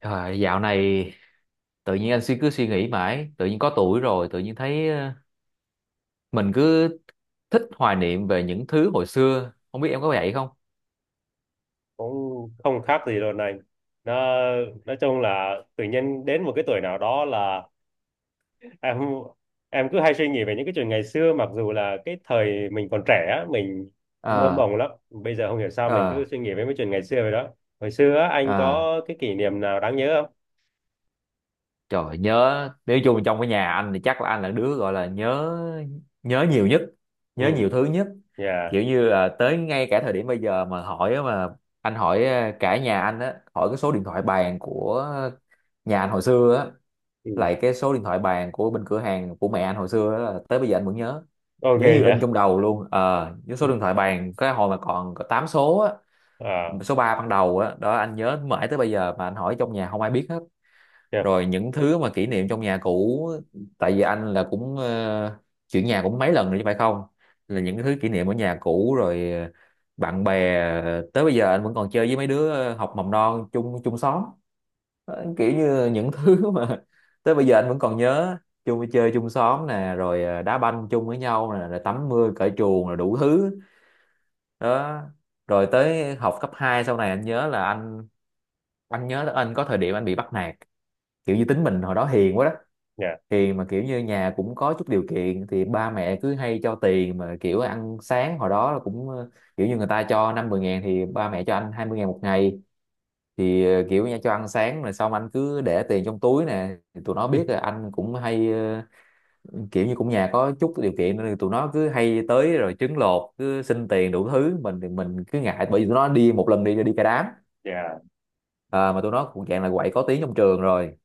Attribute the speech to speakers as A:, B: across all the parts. A: Trời, dạo này tự nhiên anh cứ suy nghĩ mãi, tự nhiên có tuổi rồi, tự nhiên thấy mình cứ thích hoài niệm về những thứ hồi xưa, không biết em có vậy không?
B: Cũng không khác gì đâu này. Nó nói chung là tự nhiên đến một cái tuổi nào đó là em em cứ hay suy nghĩ về những cái chuyện ngày xưa, mặc dù là cái thời mình còn trẻ á, mình mơ
A: Ờ,
B: mộng lắm, bây giờ không hiểu sao mình cứ
A: ờ,
B: suy nghĩ về mấy chuyện ngày xưa vậy đó. Hồi xưa á, anh
A: ờ,
B: có cái kỷ niệm nào đáng nhớ không?
A: trời nhớ, nếu chung trong cái nhà anh thì chắc là anh là đứa gọi là nhớ nhớ nhiều nhất,
B: Ừ.
A: nhớ nhiều thứ nhất.
B: Dạ.
A: Kiểu như là tới ngay cả thời điểm bây giờ mà hỏi á, mà anh hỏi cả nhà anh á, hỏi cái số điện thoại bàn của nhà anh hồi xưa á,
B: Ừ.
A: lại cái số điện thoại bàn của bên cửa hàng của mẹ anh hồi xưa đó là tới bây giờ anh vẫn nhớ,
B: Ok.
A: nhớ như in
B: Dạ.
A: trong đầu luôn. Ờ Nhớ số điện thoại bàn cái hồi mà còn có 8 số á,
B: À.
A: số 3 ban đầu á đó, anh nhớ mãi tới bây giờ mà anh hỏi trong nhà không ai biết hết.
B: Dạ.
A: Rồi những thứ mà kỷ niệm trong nhà cũ, tại vì anh là cũng chuyển nhà cũng mấy lần rồi chứ phải không, là
B: Ừ.
A: những thứ kỷ niệm ở nhà cũ rồi bạn bè tới bây giờ anh vẫn còn chơi với mấy đứa học mầm non chung, chung xóm. Ờ, kiểu như những thứ mà tới bây giờ anh vẫn còn nhớ, chung chơi chung xóm nè, rồi à, đá banh chung với nhau nè, rồi tắm mưa cởi chuồng rồi đủ thứ đó. Rồi tới học cấp 2 sau này anh nhớ là anh nhớ là anh có thời điểm anh bị bắt nạt, kiểu như tính mình hồi đó hiền quá đó,
B: Dạ.
A: hiền mà kiểu như nhà cũng có chút điều kiện thì ba mẹ cứ hay cho tiền mà kiểu ăn sáng hồi đó là cũng kiểu như người ta cho năm mười ngàn thì ba mẹ cho anh hai mươi ngàn một ngày, thì kiểu nha cho ăn sáng rồi xong anh cứ để tiền trong túi nè. Thì tụi nó biết là anh cũng hay ờ, kiểu như cũng nhà có chút điều kiện nên tụi nó cứ hay tới rồi trứng lột cứ xin tiền đủ thứ, mình thì mình cứ ngại bởi vì tụi nó đi một lần đi đi cả đám.
B: Dạ.
A: À, mà tụi nó cũng dạng là quậy có tiếng trong trường rồi,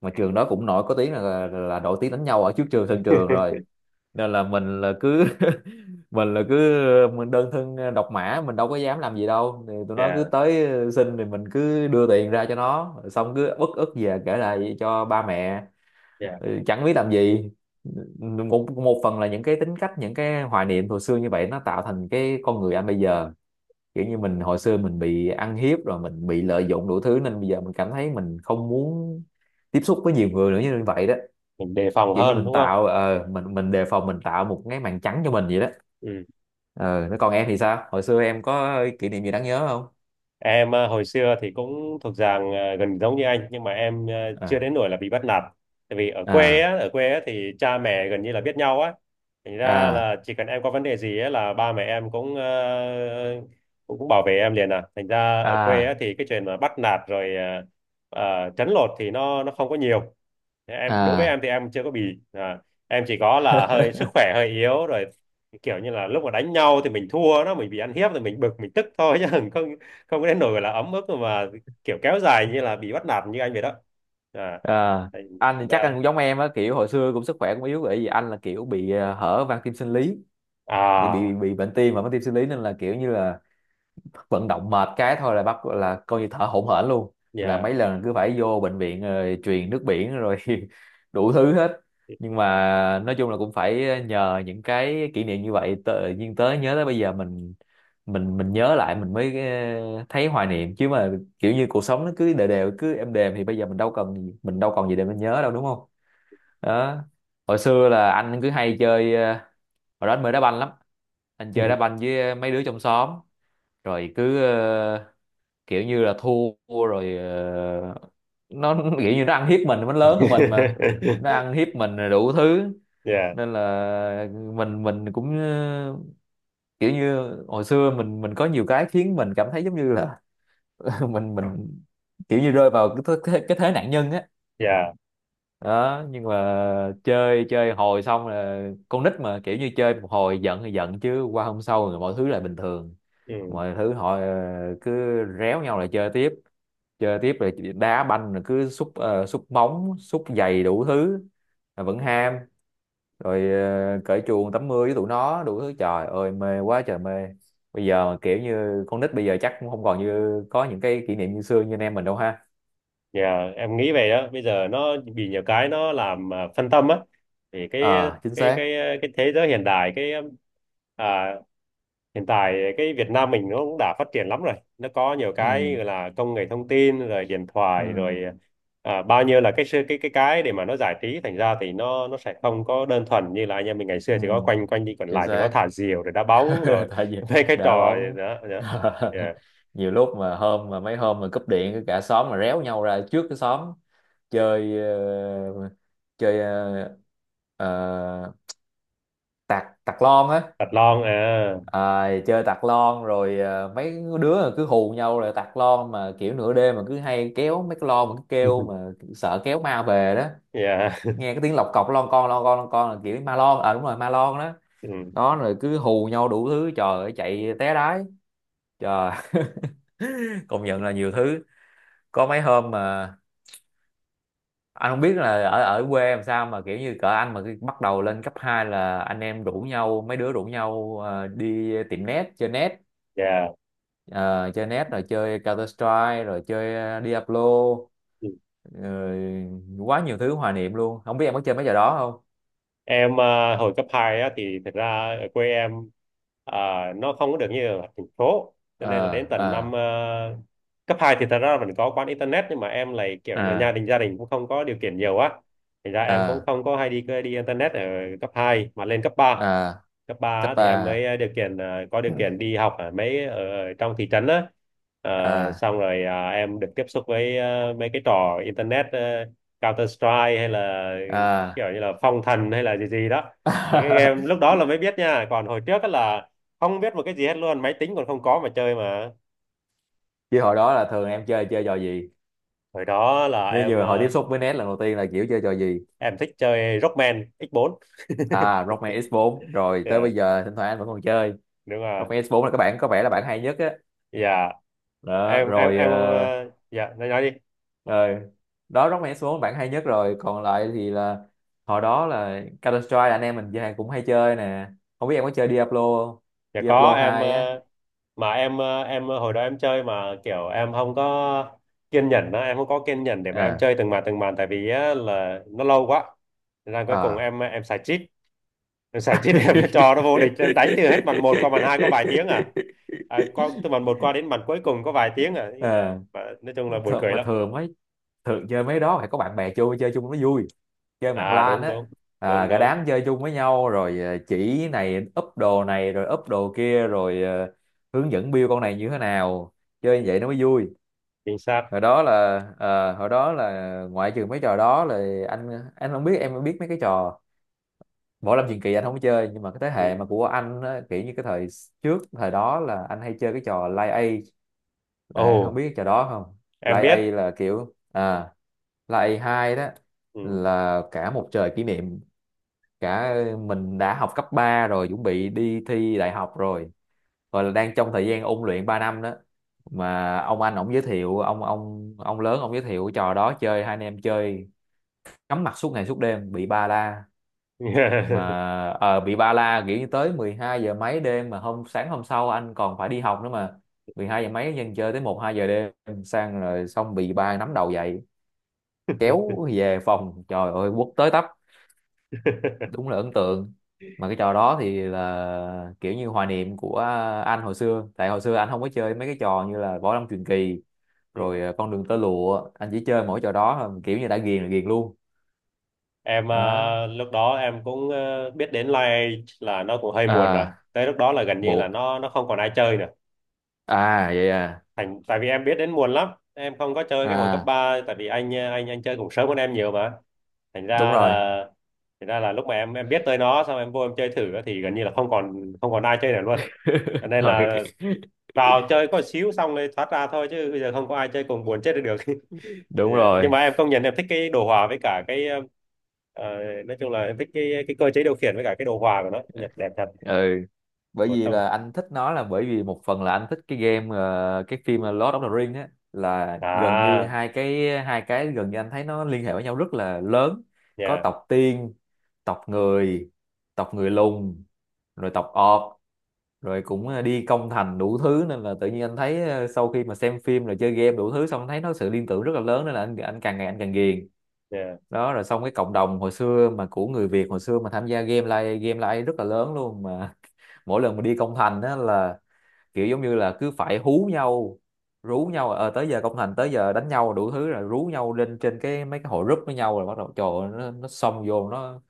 A: mà trường đó cũng nổi có tiếng là, là nổi tiếng đánh nhau ở trước trường, sân trường rồi, nên là mình là cứ mình là cứ mình đơn thân độc mã, mình đâu có dám làm gì đâu thì tụi nó cứ
B: Dạ.
A: tới xin thì mình cứ đưa tiền ra cho nó, xong cứ ức ức về kể lại cho ba mẹ.
B: Dạ.
A: Ừ, chẳng biết làm gì. Một phần là những cái tính cách, những cái hoài niệm hồi xưa như vậy nó tạo thành cái con người anh bây giờ, kiểu như mình hồi xưa mình bị ăn hiếp rồi mình bị lợi dụng đủ thứ nên bây giờ mình cảm thấy mình không muốn tiếp xúc với nhiều người nữa như vậy đó,
B: Mình đề phòng
A: kiểu như
B: hơn
A: mình
B: đúng không?
A: tạo mình đề phòng, mình tạo một cái màn trắng cho mình vậy đó.
B: Ừ.
A: Ờ, nó còn em thì sao, hồi xưa em có kỷ niệm gì đáng nhớ không?
B: Em hồi xưa thì cũng thuộc dạng gần giống như anh, nhưng mà em chưa
A: À,
B: đến nỗi là bị bắt nạt. Tại vì
A: à,
B: ở quê á thì cha mẹ gần như là biết nhau á. Thành ra
A: à,
B: là chỉ cần em có vấn đề gì á là ba mẹ em cũng ờ, cũng cũng bảo vệ em liền à. Thành ra ở quê á
A: à,
B: thì cái chuyện mà bắt nạt rồi trấn lột thì nó không có nhiều. Thế em đối với em
A: à,
B: thì em chưa có bị, à, em chỉ có là hơi sức khỏe hơi yếu rồi, kiểu như là lúc mà đánh nhau thì mình thua nó, mình bị ăn hiếp thì mình bực mình tức thôi, chứ không, không đến nỗi là ấm ức mà kiểu kéo dài như là bị bắt nạt như anh vậy đó. À.
A: à, anh thì
B: Thành
A: chắc anh
B: ra.
A: cũng giống em á, kiểu hồi xưa cũng sức khỏe cũng yếu bởi vì anh là kiểu bị hở van tim sinh lý, bị
B: À.
A: bị bị bệnh tim và van tim sinh lý nên là kiểu như là vận động mệt cái thôi là bắt là coi như thở hổn hển luôn, là
B: Dạ.
A: mấy lần cứ phải vô bệnh viện rồi truyền nước biển rồi đủ thứ hết. Nhưng mà nói chung là cũng phải nhờ những cái kỷ niệm như vậy tự nhiên tới nhớ tới bây giờ mình nhớ lại mình mới thấy hoài niệm chứ mà, kiểu như cuộc sống nó cứ đều đều, cứ êm đềm thì bây giờ mình đâu cần gì- mình đâu còn gì để mình nhớ đâu đúng không, đó. Hồi xưa là anh cứ hay chơi hồi đó anh mê đá banh lắm, anh chơi đá banh với mấy đứa trong xóm rồi cứ kiểu như là thua rồi nó kiểu như nó ăn hiếp mình, nó lớn hơn mình mà, nó ăn hiếp mình rồi đủ thứ,
B: Dạ.
A: nên là mình cũng kiểu như hồi xưa mình có nhiều cái khiến mình cảm thấy giống như là mình kiểu như rơi vào cái thế nạn nhân á,
B: Dạ.
A: đó. Nhưng mà chơi chơi hồi xong là con nít mà, kiểu như chơi một hồi giận thì giận chứ qua hôm sau rồi mọi thứ lại bình thường,
B: Ừ,
A: mọi thứ họ cứ réo nhau lại chơi tiếp, chơi tiếp rồi đá banh rồi cứ xúc xúc bóng xúc giày đủ thứ mà vẫn ham. Rồi cởi chuồng tắm mưa với tụi nó đủ thứ, trời ơi mê quá trời mê. Bây giờ mà kiểu như con nít bây giờ chắc cũng không còn như có những cái kỷ niệm như xưa như anh em mình đâu ha.
B: dạ. Em nghĩ vậy đó, bây giờ nó bị nhiều cái, nó làm, phân tâm á. Thì
A: Ờ, chính
B: cái
A: xác.
B: cái cái thế giới hiện đại, cái, à, hiện tại cái Việt Nam mình nó cũng đã phát triển lắm rồi, nó có nhiều cái
A: ừ
B: gọi là công nghệ thông tin rồi điện
A: ừ
B: thoại rồi, bao nhiêu là cái sự- cái để mà nó giải trí. Thành ra thì nó sẽ không có đơn thuần như là anh em mình ngày xưa,
A: ừ
B: chỉ có quanh quanh đi quẩn
A: chính
B: lại, chỉ có
A: xác.
B: thả diều rồi đá bóng rồi
A: Tại vì
B: mấy cái
A: đá
B: trò gì
A: bóng.
B: đó, đó. Yeah.
A: Nhiều lúc mà hôm mà mấy hôm mà cúp điện cả xóm mà réo nhau ra trước cái xóm chơi chơi ờ, tạc tạc lon á.
B: Vật lon à?
A: À, chơi tạc lon rồi mấy đứa là cứ hù nhau là tạc lon, mà kiểu nửa đêm mà cứ hay kéo mấy cái lon mà cứ kêu mà sợ kéo ma về đó,
B: Yeah.
A: nghe cái tiếng lọc cọc lon con lon con lon con là kiểu ma lon, à đúng rồi ma lon đó.
B: Ừ.
A: Đó rồi cứ hù nhau đủ thứ, trời ơi chạy té đái. Trời, công nhận là nhiều thứ. Có mấy hôm mà anh không biết là ở ở quê làm sao mà kiểu như cỡ anh mà khi bắt đầu lên cấp 2 là anh em rủ nhau, mấy đứa rủ nhau đi tiệm net, chơi net,
B: Yeah.
A: Ờ, chơi net rồi chơi Counter Strike rồi chơi Diablo, rồi quá nhiều thứ hoài niệm luôn. Không biết em có chơi mấy trò đó không?
B: Em, hồi cấp 2 á thì thực ra ở quê em, à, nó không có được như ở thành phố, cho nên là đến
A: Ờ
B: tận
A: ờ
B: cấp 2 thì thật ra là vẫn có quán internet, nhưng mà em lại kiểu như là gia
A: ờ
B: đình gia đình cũng không có điều kiện nhiều á, thành ra em
A: ờ
B: cũng không có hay đi đi internet ở cấp hai. Mà lên
A: ờ
B: cấp 3
A: cấp
B: á, thì
A: ba
B: em mới, có điều kiện đi học ở mấy, ở trong thị trấn á. Ờ,
A: à,
B: xong rồi, em được tiếp xúc với, mấy cái trò internet, Counter Strike hay là kiểu
A: à.
B: như là phong thần hay là gì gì đó. Mấy cái game lúc đó là mới biết nha, còn hồi trước á là không biết một cái gì hết luôn, máy tính còn không có mà chơi mà.
A: Chứ hồi đó là thường em chơi chơi trò gì?
B: Hồi đó là
A: Như như hồi tiếp xúc với NES lần đầu tiên là kiểu chơi trò gì?
B: em thích chơi Rockman X4.
A: À Rockman X4 rồi tới
B: Yeah,
A: bây giờ thỉnh thoảng anh vẫn còn chơi.
B: đúng rồi.
A: Rockman X4 là các bạn có vẻ là bạn hay nhất á,
B: Dạ.
A: đó rồi
B: Dạ, nói đi.
A: rồi đó Rockman X4 là bạn hay nhất, rồi còn lại thì là hồi đó là Counter Strike là anh em mình chơi cũng hay chơi nè, không biết em có chơi Diablo không?
B: Dạ có,
A: Diablo
B: em
A: 2 á,
B: ờ, mà em ờ, hồi đó em chơi mà kiểu em không có kiên nhẫn đó, em không có kiên nhẫn để mà em
A: à,
B: chơi từng màn từng màn, tại vì á là nó lâu quá, nên là cuối cùng
A: à,
B: em xài cheat. Giải chết em, trò nó vô địch. Em đánh từ hết màn một qua màn 2 có vài tiếng à, từ màn một qua đến màn cuối cùng có vài tiếng à,
A: à,
B: mà nói chung là buồn
A: thường,
B: cười
A: mà
B: lắm.
A: thường mấy, thường chơi mấy đó phải có bạn bè chơi, chơi chung nó vui, chơi mạng
B: À,
A: LAN
B: đúng
A: á,
B: đúng
A: à,
B: đúng
A: cả
B: đúng.
A: đám chơi chung với nhau rồi chỉ này, úp đồ này rồi úp đồ kia rồi hướng dẫn build con này như thế nào, chơi như vậy nó mới vui.
B: Chính xác.
A: Hồi đó là ngoại trừ mấy trò đó là anh không biết em biết mấy cái trò võ lâm truyền kỳ, anh không có chơi, nhưng mà cái thế
B: Ừ.
A: hệ mà của anh á, kiểu như cái thời trước, thời đó là anh hay chơi cái trò Lai A.
B: Ồ,
A: Đấy, không biết trò đó không?
B: em
A: Line A
B: biết.
A: là kiểu à, Line A2 đó,
B: Ừ.
A: là cả một trời kỷ niệm, cả mình đã học cấp 3 rồi, chuẩn bị đi thi đại học rồi, gọi là đang trong thời gian ôn luyện 3 năm đó. Mà ông anh ổng giới thiệu, ông lớn ông giới thiệu trò đó chơi, hai anh em chơi cắm mặt suốt ngày suốt đêm bị ba la mà, bị ba la kiểu như tới 12 giờ mấy đêm mà hôm sáng hôm sau anh còn phải đi học nữa mà, 12 giờ mấy dân chơi tới một 2 giờ đêm sang rồi, xong bị ba nắm đầu dậy kéo về phòng, trời ơi quất tới tấp, đúng là ấn tượng. Mà cái trò đó thì là kiểu như hoài niệm của anh hồi xưa, tại hồi xưa anh không có chơi mấy cái trò như là võ lâm truyền kỳ
B: Ừ.
A: rồi con đường tơ lụa, anh chỉ chơi mỗi trò đó thôi, kiểu như đã ghiền là ghiền luôn.
B: Em,
A: Đó.
B: lúc đó em cũng, biết đến live là nó cũng hơi muộn rồi,
A: À
B: tới lúc đó là gần như là
A: muộn.
B: nó không còn ai chơi nữa.
A: À vậy à.
B: Thành tại vì em biết đến muộn lắm, em không có chơi cái hồi cấp
A: À
B: ba, tại vì anh chơi cũng sớm hơn em nhiều mà. Thành
A: đúng
B: ra
A: rồi.
B: là, lúc mà em biết tới nó, xong em vô em chơi thử á, thì gần như là không còn ai chơi nữa luôn. Cho nên là
A: Ừ.
B: vào chơi có xíu xong rồi thoát ra thôi, chứ bây giờ không có ai chơi cùng buồn chết đi được.
A: Đúng
B: Dạ. Nhưng
A: rồi.
B: mà em công nhận em thích cái đồ họa, với cả ờ, nói chung là em thích cái cơ chế điều khiển với cả cái đồ họa của nó, Nhật đẹp thật.
A: Ừ, bởi
B: Một
A: vì
B: trong.
A: là anh thích nó là bởi vì một phần là anh thích cái game cái phim Lord of the Rings á, là gần như
B: À.
A: hai cái gần như anh thấy nó liên hệ với nhau rất là lớn, có
B: Yeah.
A: tộc tiên, tộc người, tộc người lùn rồi tộc orc rồi cũng đi công thành đủ thứ, nên là tự nhiên anh thấy sau khi mà xem phim rồi chơi game đủ thứ xong anh thấy nó sự liên tưởng rất là lớn, nên là anh càng ngày anh càng ghiền.
B: Yeah.
A: Đó rồi xong cái cộng đồng hồi xưa mà của người Việt hồi xưa mà tham gia game live, game live rất là lớn luôn mà. Mỗi lần mà đi công thành á là kiểu giống như là cứ phải hú nhau, rú nhau tới giờ công thành, tới giờ đánh nhau đủ thứ rồi rú nhau lên trên cái mấy cái hội group với nhau rồi bắt đầu trời ơi, nó xông vô, nó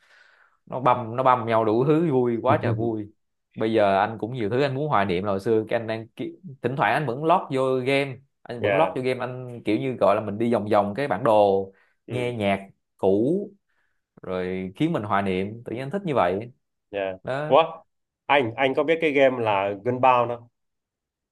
A: nó băm nó băm nhau đủ thứ, vui quá trời vui. Bây giờ anh cũng nhiều thứ anh muốn hoài niệm là hồi xưa cái anh đang ki-, thỉnh thoảng anh vẫn lót vô game,
B: Yeah.
A: anh kiểu như gọi là mình đi vòng vòng cái bản đồ,
B: Ừ.
A: nghe nhạc cũ rồi khiến mình hoài niệm, tự nhiên anh thích như vậy.
B: Dạ.
A: Đó,
B: Ủa, anh có biết cái game là Gunbound không?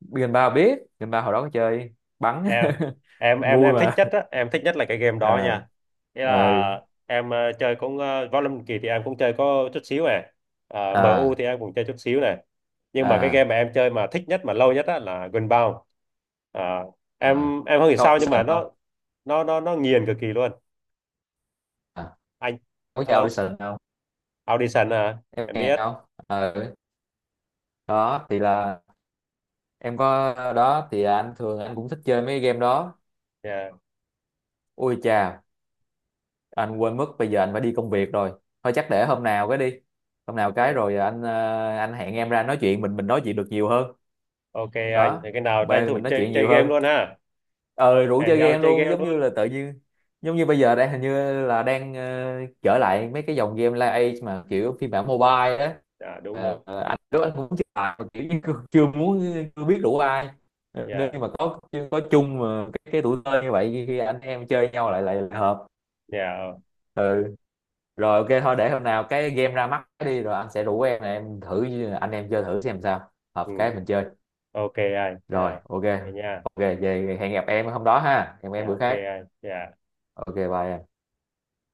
A: gần ba biết, gần ba hồi đó có chơi bắn.
B: Em em em
A: Vui
B: em thích
A: mà.
B: nhất á, em thích nhất là cái game đó
A: À,
B: nha. Nghĩa
A: ờ,
B: là em chơi cũng Võ Lâm Kỳ thì em cũng chơi có chút xíu này. Ờ, MU
A: à,
B: thì em cũng chơi chút xíu này. Nhưng mà cái game
A: à,
B: mà em chơi mà thích nhất mà lâu nhất á là Gunbound. Ờ,
A: à,
B: em không hiểu
A: có
B: sao nhưng mà
A: Wilson không,
B: nó nghiền cực kỳ luôn.
A: à,
B: Anh.
A: có chào
B: Alo.
A: Wilson không,
B: Audition à?
A: em
B: Em
A: nghe
B: biết.
A: không? Ờ, đó thì là em có, đó thì anh thường anh cũng thích chơi mấy game đó.
B: Dạ.
A: Ui chà, anh quên mất bây giờ anh phải đi công việc rồi, thôi chắc để hôm nào cái đi, hôm nào cái rồi anh anh hẹn em ra nói chuyện, mình nói chuyện được nhiều hơn.
B: Ok anh, thế
A: Đó,
B: cái nào tranh
A: về
B: thủ
A: mình nói
B: chơi
A: chuyện
B: chơi
A: nhiều
B: game
A: hơn,
B: luôn ha.
A: ờ rủ
B: Hẹn
A: chơi
B: nhau
A: game
B: chơi
A: luôn
B: game
A: giống
B: luôn.
A: như là tự nhiên, giống như bây giờ đang hình như là đang trở lại mấy cái dòng game live age mà kiểu phiên bản mobile á.
B: À, đúng
A: Ờ,
B: đúng.
A: anh đó anh cũng chưa làm mà kiểu như chưa muốn, chưa biết rủ ai. Ờ,
B: Dạ.
A: nên mà có chung mà cái tuổi thơ như vậy khi anh em chơi nhau lại, hợp.
B: Dạ.
A: Ừ. Rồi ok thôi, để hôm nào cái game ra mắt đi rồi anh sẽ rủ em thử, anh em chơi thử xem sao, hợp
B: Ừ.
A: cái mình chơi.
B: Ok anh.
A: Rồi
B: Dạ.
A: ok.
B: Thế nha.
A: Ok về, hẹn gặp em hôm đó ha, hẹn em
B: Dạ.
A: bữa
B: Ok
A: khác.
B: anh. Dạ.
A: Ok bye em.